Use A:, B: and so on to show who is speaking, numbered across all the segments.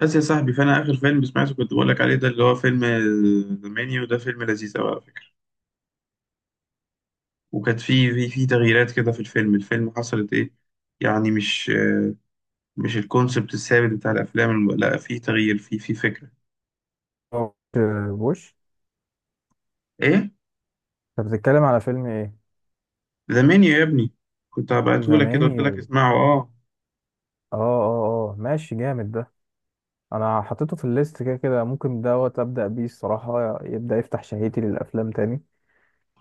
A: بس يا صاحبي فانا اخر فيلم سمعته كنت بقول لك عليه ده اللي هو فيلم ذا مانيو ده، فيلم لذيذ قوي على فكره. وكانت في تغييرات كده في الفيلم، حصلت ايه يعني؟ مش الكونسبت الثابت بتاع الافلام لا، في تغيير في فكره.
B: آه، بوش.
A: ايه؟
B: طب بتتكلم على فيلم ايه؟
A: ذا مانيو يا ابني، كنت هبعتهولك كده، قلت
B: زماني
A: لك اسمعه اه.
B: اه ماشي، جامد ده. انا حطيته في الليست، كده كده ممكن دوت ابدا بيه الصراحه، يبدا يفتح شهيتي للافلام تاني.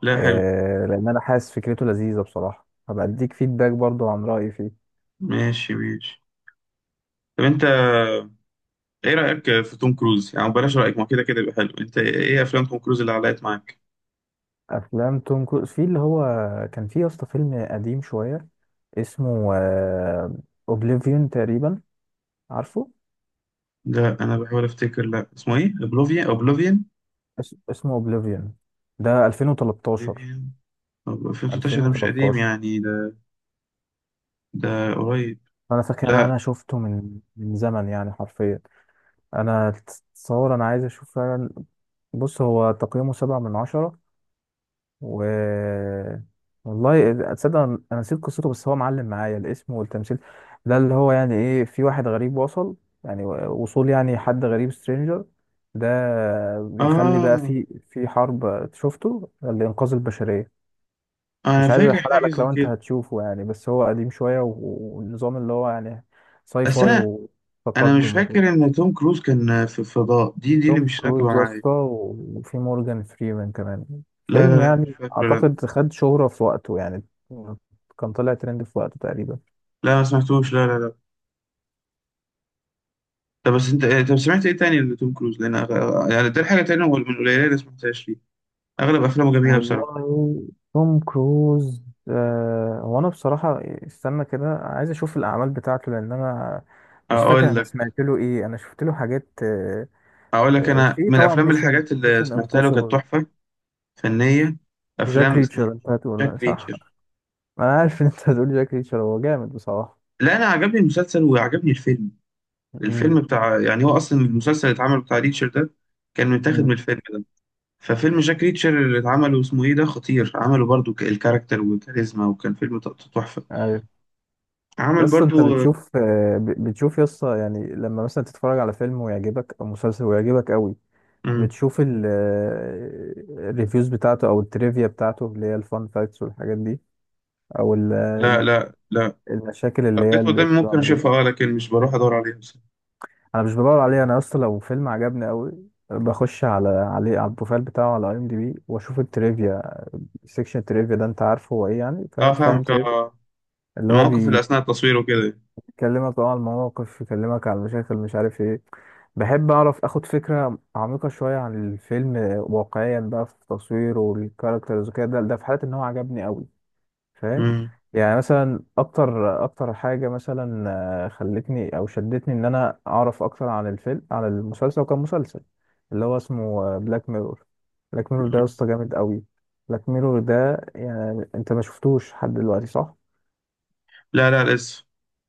A: لا حلو.
B: آه لان انا حاسس فكرته لذيذه بصراحه، هبقى اديك فيدباك برضو عن رايي فيه.
A: ماشي ماشي. طب انت ايه رايك في توم كروز؟ يعني بلاش رايك، ما كده كده يبقى حلو. انت ايه افلام توم كروز اللي علقت معاك؟
B: افلام توم كروز، في اللي هو كان في يا اسطى فيلم قديم شويه، اسمه اوبليفيون تقريبا، عارفه؟
A: ده انا بحاول افتكر، لا اسمه ايه، اوبلوفيان اوبلوفيان،
B: اسمه اوبليفيون. ده 2013.
A: ديبيان. طب 2016 ده مش قديم
B: 2013.
A: يعني، ده ده قريب.
B: انا فاكر إن
A: لا
B: انا شفته من زمن يعني حرفيا. انا تصور انا عايز اشوف فعلا. بص هو تقييمه سبعة من عشرة و... والله تصدق انا نسيت قصته، بس هو معلم معايا الاسم والتمثيل. ده اللي هو يعني ايه، في واحد غريب وصل، يعني وصول، يعني حد غريب، سترينجر. ده بيخلي بقى
A: آه،
B: في حرب شفته لإنقاذ البشرية.
A: أنا
B: مش عايز
A: فاكر
B: احرق
A: حاجة
B: لك
A: زي
B: لو انت
A: كده.
B: هتشوفه يعني، بس هو قديم شوية والنظام اللي هو يعني ساي
A: بس
B: فاي
A: أنا مش
B: وتقدم وكده.
A: فاكر إن توم كروز كان في الفضاء، دي اللي
B: توم
A: مش راكبة
B: كروز يا
A: معايا.
B: اسطى، وفي مورجان فريمان كمان.
A: لا لا
B: فيلم
A: لا، مش
B: يعني
A: فاكر لا.
B: اعتقد خد شهرة في وقته يعني، كان طلع ترند في وقته تقريبا.
A: لا، ما سمعتوش، لا لا لا. طب بس أنت طب سمعت إيه تاني لتوم كروز؟ لأن يعني ده حاجة تانية من القليلة اللي سمعتهاش ليه. أغلب أفلامه جميلة بصراحة.
B: والله، توم كروز، آه هو انا بصراحة استنى كده عايز اشوف الاعمال بتاعته، لان انا مش فاكر
A: أقول
B: انا
A: لك
B: سمعت له ايه. انا شفت له حاجات آه.
A: أقول لك أنا
B: في
A: من
B: طبعا
A: الأفلام
B: ميشن
A: الحاجات اللي
B: ميشن
A: سمعتها له كانت
B: امبوسيبل.
A: تحفة فنية.
B: جاك
A: أفلام اسمها
B: ريتشر، انت هتقول
A: جاك
B: صح.
A: ريتشر.
B: ما انا عارف ان انت هتقول جاك ريتشر، هو جامد بصراحة.
A: لا انا عجبني المسلسل وعجبني الفيلم. الفيلم
B: امم.
A: بتاع يعني، هو اصلا المسلسل اللي اتعمل بتاع ريتشر ده كان متاخد من
B: امم.
A: الفيلم ده. ففيلم جاك ريتشر اللي اتعمل اسمه ايه ده، خطير، عمله برضو الكاركتر والكاريزما، وكان فيلم تحفة.
B: عارف. يا
A: عمل
B: اسطى انت
A: برضو.
B: بتشوف، بتشوف يا اسطى يعني لما مثلا تتفرج على فيلم ويعجبك او مسلسل ويعجبك قوي،
A: مم.
B: بتشوف الريفيوز بتاعته او التريفيا بتاعته اللي هي الفان فاكتس والحاجات دي، او
A: لا لا لا،
B: المشاكل
A: لو
B: اللي هي
A: جت
B: اللي
A: قدامي
B: بتبقى
A: ممكن
B: موجودة؟
A: اشوفها اه، لكن مش بروح ادور عليها بس.
B: انا مش بدور عليها. انا يا اسطى لو فيلم عجبني قوي، بخش عليه، على البروفايل بتاعه على اي ام دي بي، واشوف التريفيا. السكشن تريفيا ده انت عارفه هو ايه يعني؟
A: اه
B: فاهم؟ فاهم
A: فاهمك
B: تريفيا
A: اه.
B: اللي هو
A: المواقف اللي اثناء التصوير وكده.
B: بيكلمك اه على المواقف، يكلمك على المشاكل مش عارف ايه. بحب اعرف، اخد فكرة عميقة شوية عن الفيلم واقعيا بقى، في تصويره والكاركترز وكده. ده في حالة ان هو عجبني قوي، فاهم؟
A: مم.
B: يعني مثلا اكتر حاجه مثلا خلتني او شدتني ان انا اعرف اكتر عن الفيلم عن المسلسل، وكان مسلسل اللي هو اسمه بلاك ميرور. بلاك ميرور ده يا
A: مم.
B: اسطى جامد قوي. بلاك ميرور ده يعني انت ما شفتوش لحد دلوقتي، صح؟
A: لا لا لسه.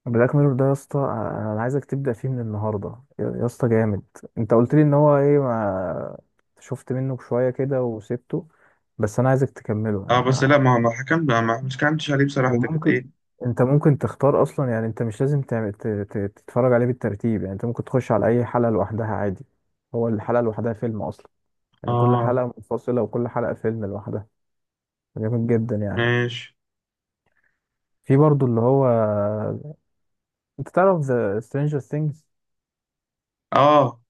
B: بلاك ميرور ده يا اسطى، انا عايزك تبدا فيه من النهارده، يا اسطى جامد. انت قلت لي ان هو ايه، ما شفت منه شويه كده وسبته، بس انا عايزك تكمله.
A: اه بس لا،
B: انا
A: ما حكمت مش كانتش عليه بصراحة، ده كانت
B: وممكن،
A: ايه.
B: انت ممكن تختار اصلا يعني، انت مش لازم تعمل تتفرج عليه بالترتيب يعني، انت ممكن تخش على اي حلقة لوحدها عادي. هو الحلقة لوحدها فيلم اصلا، يعني كل
A: اه
B: حلقة منفصلة وكل حلقة فيلم لوحدها. جامد جدا يعني.
A: ماشي.
B: في برضو اللي هو، انت تعرف ذا سترينجر ثينجز؟
A: اه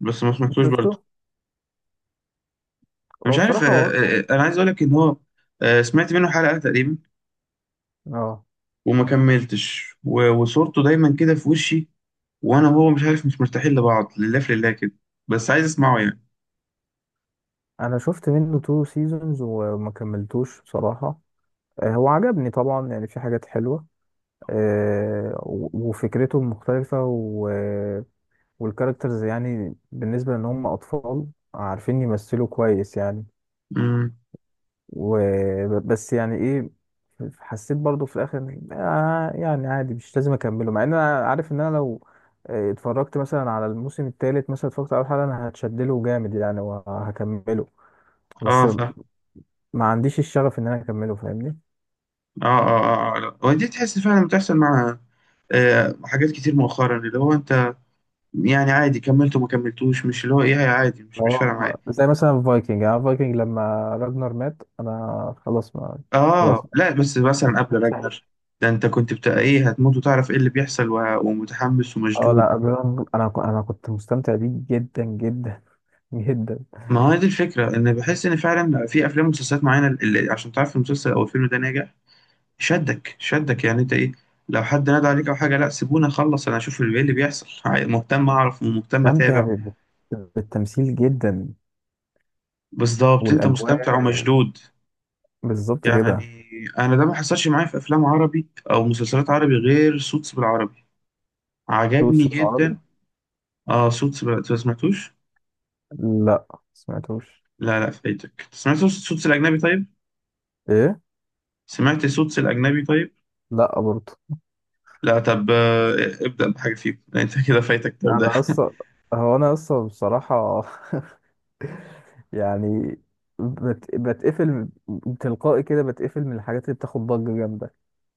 A: بس ما سمعتوش
B: شفته؟
A: برضه. انا
B: هو
A: مش عارف.
B: بصراحة هو...
A: انا عايز اقول لك ان هو سمعت منه حلقة تقريبا
B: اه
A: وما كملتش، وصورته دايما كده في وشي، وانا وهو مش عارف، مش مرتاحين لبعض، لله في لله كده، بس عايز اسمعه يعني.
B: انا شفت منه تو سيزونز وما كملتوش بصراحة. هو عجبني طبعا يعني، في حاجات حلوة، وفكرته مختلفة. والكاركترز يعني بالنسبة لأن هم أطفال، عارفين يمثلوا كويس يعني.
A: امم.
B: وبس يعني إيه، حسيت برضو في الآخر آه يعني عادي مش لازم أكمله، مع إن أنا عارف إن أنا لو اتفرجت مثلا على الموسم الثالث، مثلا اتفرجت على أول حلقة، أنا هتشدله جامد يعني وهكمله.
A: اه
B: بس
A: صح اه.
B: ما عنديش الشغف إن أنا أكمله، فاهمني؟
A: اه اه، آه لا. ودي تحس فعلا بتحصل مع آه حاجات كتير مؤخرا، اللي هو انت يعني عادي، كملت وما كملتوش، مش اللي هو ايه، عادي، مش فارقه
B: اه.
A: معايا.
B: زي مثلا فايكنج، يعني فايكنج لما راجنر مات أنا خلاص ما خلاص.
A: اه لا، بس مثلا قبل راجنر ده، انت كنت بتاع ايه، هتموت وتعرف ايه اللي بيحصل، ومتحمس
B: اه
A: ومشدود.
B: لا ابيض، انا انا كنت مستمتع بيه جدا جدا جدا.
A: ما هو دي الفكرة، إن بحس إن فعلا في أفلام ومسلسلات معينة، اللي عشان تعرف المسلسل أو الفيلم ده ناجح، شدك شدك يعني. أنت إيه، لو حد نادى عليك أو حاجة، لا سيبوني أخلص أنا أشوف اللي إيه اللي بيحصل، مهتم أعرف ومهتم
B: مستمتع
A: أتابع.
B: بالتمثيل جدا،
A: بالظبط، أنت مستمتع
B: والاجواء
A: ومشدود
B: بالظبط كده.
A: يعني. أنا ده ما حصلش معايا في أفلام عربي أو مسلسلات عربي غير سوتس بالعربي،
B: فلوس
A: عجبني
B: العربي؟
A: جدا. آه سوتس بال... أنت ما سمعتوش؟
B: لا. سمعتوش.
A: لا لا، فايتك. سمعت سوتس الأجنبي طيب؟
B: ايه.
A: سمعت سوتس الأجنبي طيب؟
B: لا برضه.
A: لا طب ابدأ بحاجة فيهم يعني انت كده فايتك ده وده.
B: انا اصلا، هو انا اصلا بصراحه يعني بتقفل تلقائي كده، بتقفل من الحاجات اللي بتاخد ضجه جامده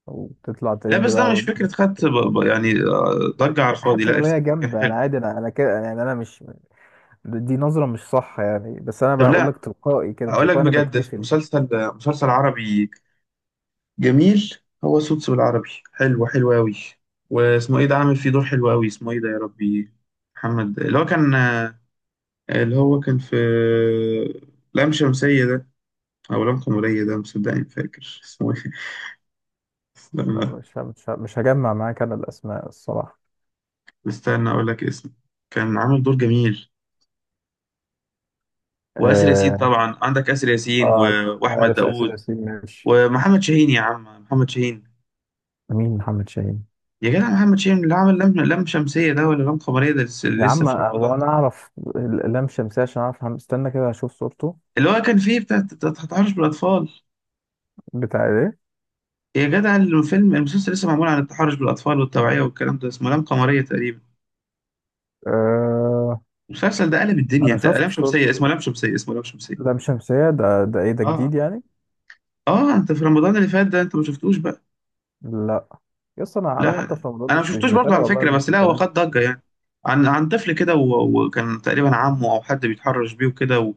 B: وتطلع
A: لا
B: ترند
A: بس
B: بقى
A: ده مش
B: و...
A: فكرة خدت يعني ضجة على الفاضي،
B: حتى
A: لا
B: لو هي
A: كان
B: جامده
A: حلو.
B: انا عادي. انا انا كده يعني، انا مش، دي نظرة مش صح يعني، بس أنا
A: طب
B: بقول
A: لا،
B: لك تلقائي كده،
A: اقول لك
B: تلقائي أنا
A: بجد
B: بتقفل.
A: مسلسل، مسلسل عربي جميل، هو سوتس بالعربي حلو حلو قوي. واسمه ايه ده، عامل فيه دور حلو قوي، اسمه ايه ده يا ربي. محمد اللي هو كان اللي هو كان في لام شمسية ده او لام قمرية ده، مصدقني فاكر اسمه ايه.
B: لا
A: استنى
B: مش هجمع معاك أنا الأسماء الصراحة.
A: استنى، اقول لك اسمه. كان عامل دور جميل. واسر ياسين
B: آه.
A: طبعا عندك، اسر ياسين
B: اه.
A: واحمد
B: عارف آسر
A: داوود
B: ياسين ماشي.
A: ومحمد شاهين. يا عم محمد شاهين.
B: مين محمد شاهين؟
A: يا جدع محمد شاهين اللي عمل لم شمسيه ده، ولا لم قمريه ده، لسه
B: يا
A: لسه
B: عم
A: في
B: هو
A: رمضان
B: أنا
A: ده.
B: أعرف لام شمسية عشان أعرف محمد، استنى كده أشوف صورته.
A: اللي هو كان فيه بتاع التحرش بالاطفال.
B: بتاع إيه؟
A: يا جدع الفيلم المسلسل لسه معمول عن التحرش بالاطفال والتوعيه والكلام ده، اسمه لم قمريه تقريبا.
B: آه.
A: المسلسل ده قلب الدنيا.
B: أنا
A: انت،
B: شفت
A: لم شمسيه، اسمه
B: صورته.
A: لم شمسيه، اسمه لم شمسيه.
B: لام شمسية ده، ده إيه ده،
A: اه
B: جديد يعني؟
A: اه انت في رمضان اللي فات ده انت ما شفتوش بقى.
B: لا. يس أنا
A: لا
B: حتى في رمضان
A: انا ما
B: مش
A: شفتوش برضه
B: بتابع
A: على
B: والله
A: فكره، بس لا هو
B: المسلسلات.
A: خد ضجه يعني. عن عن طفل كده، وكان تقريبا عمه او حد بيتحرش بيه وكده و...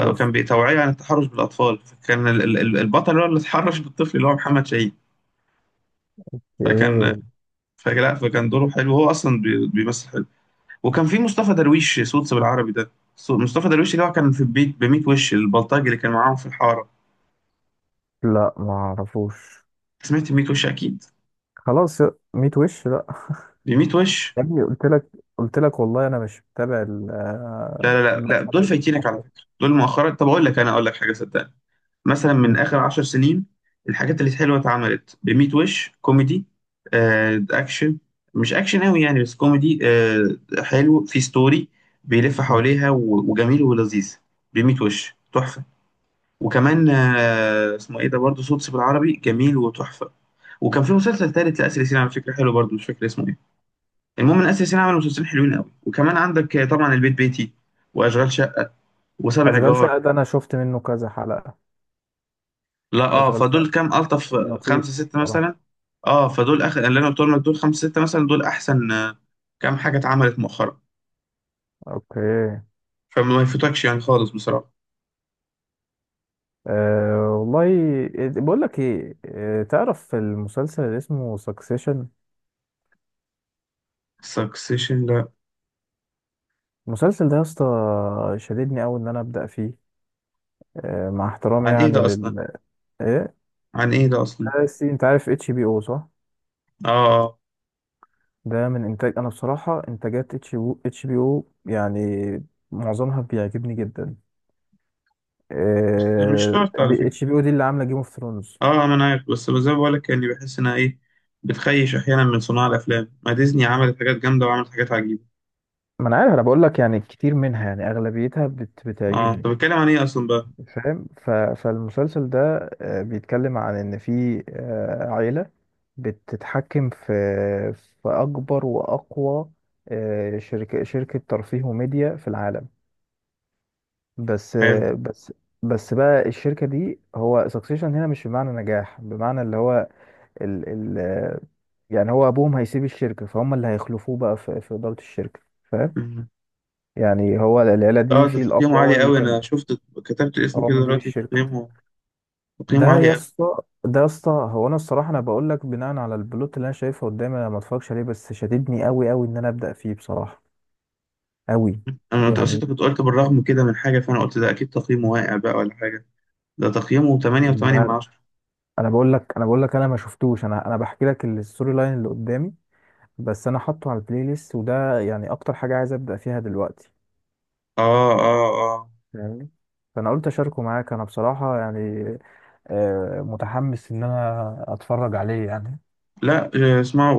B: أوف.
A: بتوعية عن التحرش بالاطفال. فكان البطل هو اللي اتحرش بالطفل، اللي هو محمد شاهين. فكان
B: إيه؟
A: فكان دوره حلو، هو اصلا بيمثل حلو. وكان في مصطفى درويش صوت بالعربي ده. صوت مصطفى درويش اللي هو كان في البيت ب 100 وش، البلطجي اللي كان معاهم في الحاره.
B: لا ما أعرفوش.
A: سمعت 100 وش اكيد،
B: خلاص يا، ميت وش لا.
A: ب 100 وش.
B: يا ابني قلت لك، قلت لك والله انا مش متابع
A: لا لا لا لا،
B: المشهد
A: دول فايتينك على
B: المصري.
A: فكره، دول مؤخرا. طب اقول لك، انا اقول لك حاجه صدقني، مثلا من
B: مم.
A: اخر عشر سنين الحاجات اللي حلوه اتعملت بميت وش كوميدي، آه اكشن، مش اكشن قوي يعني بس كوميدي، آه حلو في ستوري بيلف
B: مم.
A: حواليها، وجميل ولذيذ. بميت وش تحفه. وكمان آه اسمه ايه ده برضه، صوت بالعربي، جميل وتحفه. وكان في مسلسل تالت لاسر ياسين على فكره حلو برضه، مش فاكر اسمه ايه. المهم ان اسر ياسين عمل مسلسلين حلوين قوي. وكمان عندك طبعا البيت بيتي، واشغال شقه، وسبع
B: اشغال
A: جار.
B: شقه ده انا شفت منه كذا حلقه.
A: لا اه،
B: اشغال شقه
A: فدول كام الطف،
B: لطيف
A: خمسه سته
B: صراحه.
A: مثلا. اه، فدول اخر اللي انا قلتهم لك، دول خمسه سته مثلا، دول احسن كام حاجه اتعملت مؤخرا.
B: اوكي.
A: فما يفوتكش يعني خالص بصراحه.
B: أه والله. بقول لك ايه، تعرف المسلسل اللي اسمه سكسيشن؟
A: سكسيشن لا.
B: المسلسل ده يا اسطى شددني قوي ان انا ابدا فيه. أه مع احترامي
A: عن ايه
B: يعني
A: ده اصلا؟
B: لل، ايه،
A: عن ايه ده اصلا؟
B: انت عارف اتش بي او صح؟
A: اه آه.
B: ده من انتاج، انا بصراحه انتاجات اتش بي، اتش بي او يعني معظمها بيعجبني جدا.
A: بس مش شرط على فكره.
B: اتش بي او دي اللي عامله جيم اوف ثرونز.
A: اه ما انا عارف، بس زي ما بقول لك يعني، بحس انها ايه، بتخيش احيانا من صناع الافلام، ما ديزني عملت حاجات جامده وعملت حاجات عجيبه.
B: ما انا عارف، انا بقول لك يعني كتير منها يعني اغلبيتها
A: اه
B: بتعجبني،
A: طب بتكلم عن ايه اصلا بقى؟
B: فاهم؟ فالمسلسل ده بيتكلم عن ان في عيله بتتحكم في، في اكبر واقوى شركه، ترفيه وميديا في العالم. بس.
A: حلو.
B: بس. بقى الشركة دي، هو سكسيشن هنا مش بمعنى نجاح، بمعنى اللي هو ال ال يعني هو أبوهم هيسيب الشركة، فهم اللي هيخلفوه بقى في, في إدارة الشركة، فاهم؟
A: مم.
B: يعني هو العيلة
A: اه
B: دي
A: ده
B: في الأب
A: تقييمه
B: هو
A: عالي
B: اللي
A: قوي،
B: كان
A: انا شفت كتبت اسمه
B: هو
A: كده
B: مدير
A: دلوقتي،
B: الشركة.
A: تقييمه تقييمه
B: ده يا
A: عالي.
B: اسطى، هو أنا الصراحة أنا بقول لك بناء على البلوت اللي أنا شايفها قدامي، أنا ما اتفرجش عليه، بس شددني أوي إن أنا أبدأ فيه بصراحة أوي.
A: انا اصل
B: يعني
A: انت كنت قلت بالرغم كده من حاجه، فانا قلت ده اكيد تقييمه واقع بقى ولا حاجه. ده تقييمه 8.8 من
B: لا-
A: 10.
B: انا بقول لك انا ما شفتوش، انا بحكي لك الستوري لاين اللي قدامي بس، انا حاطه على البلاي ليست، وده يعني اكتر حاجه عايز ابدا فيها دلوقتي.
A: اه اه اه
B: فاهمني؟ فانا قلت اشاركه معاك، انا بصراحه يعني متحمس ان انا اتفرج عليه يعني.
A: لا اسمعوا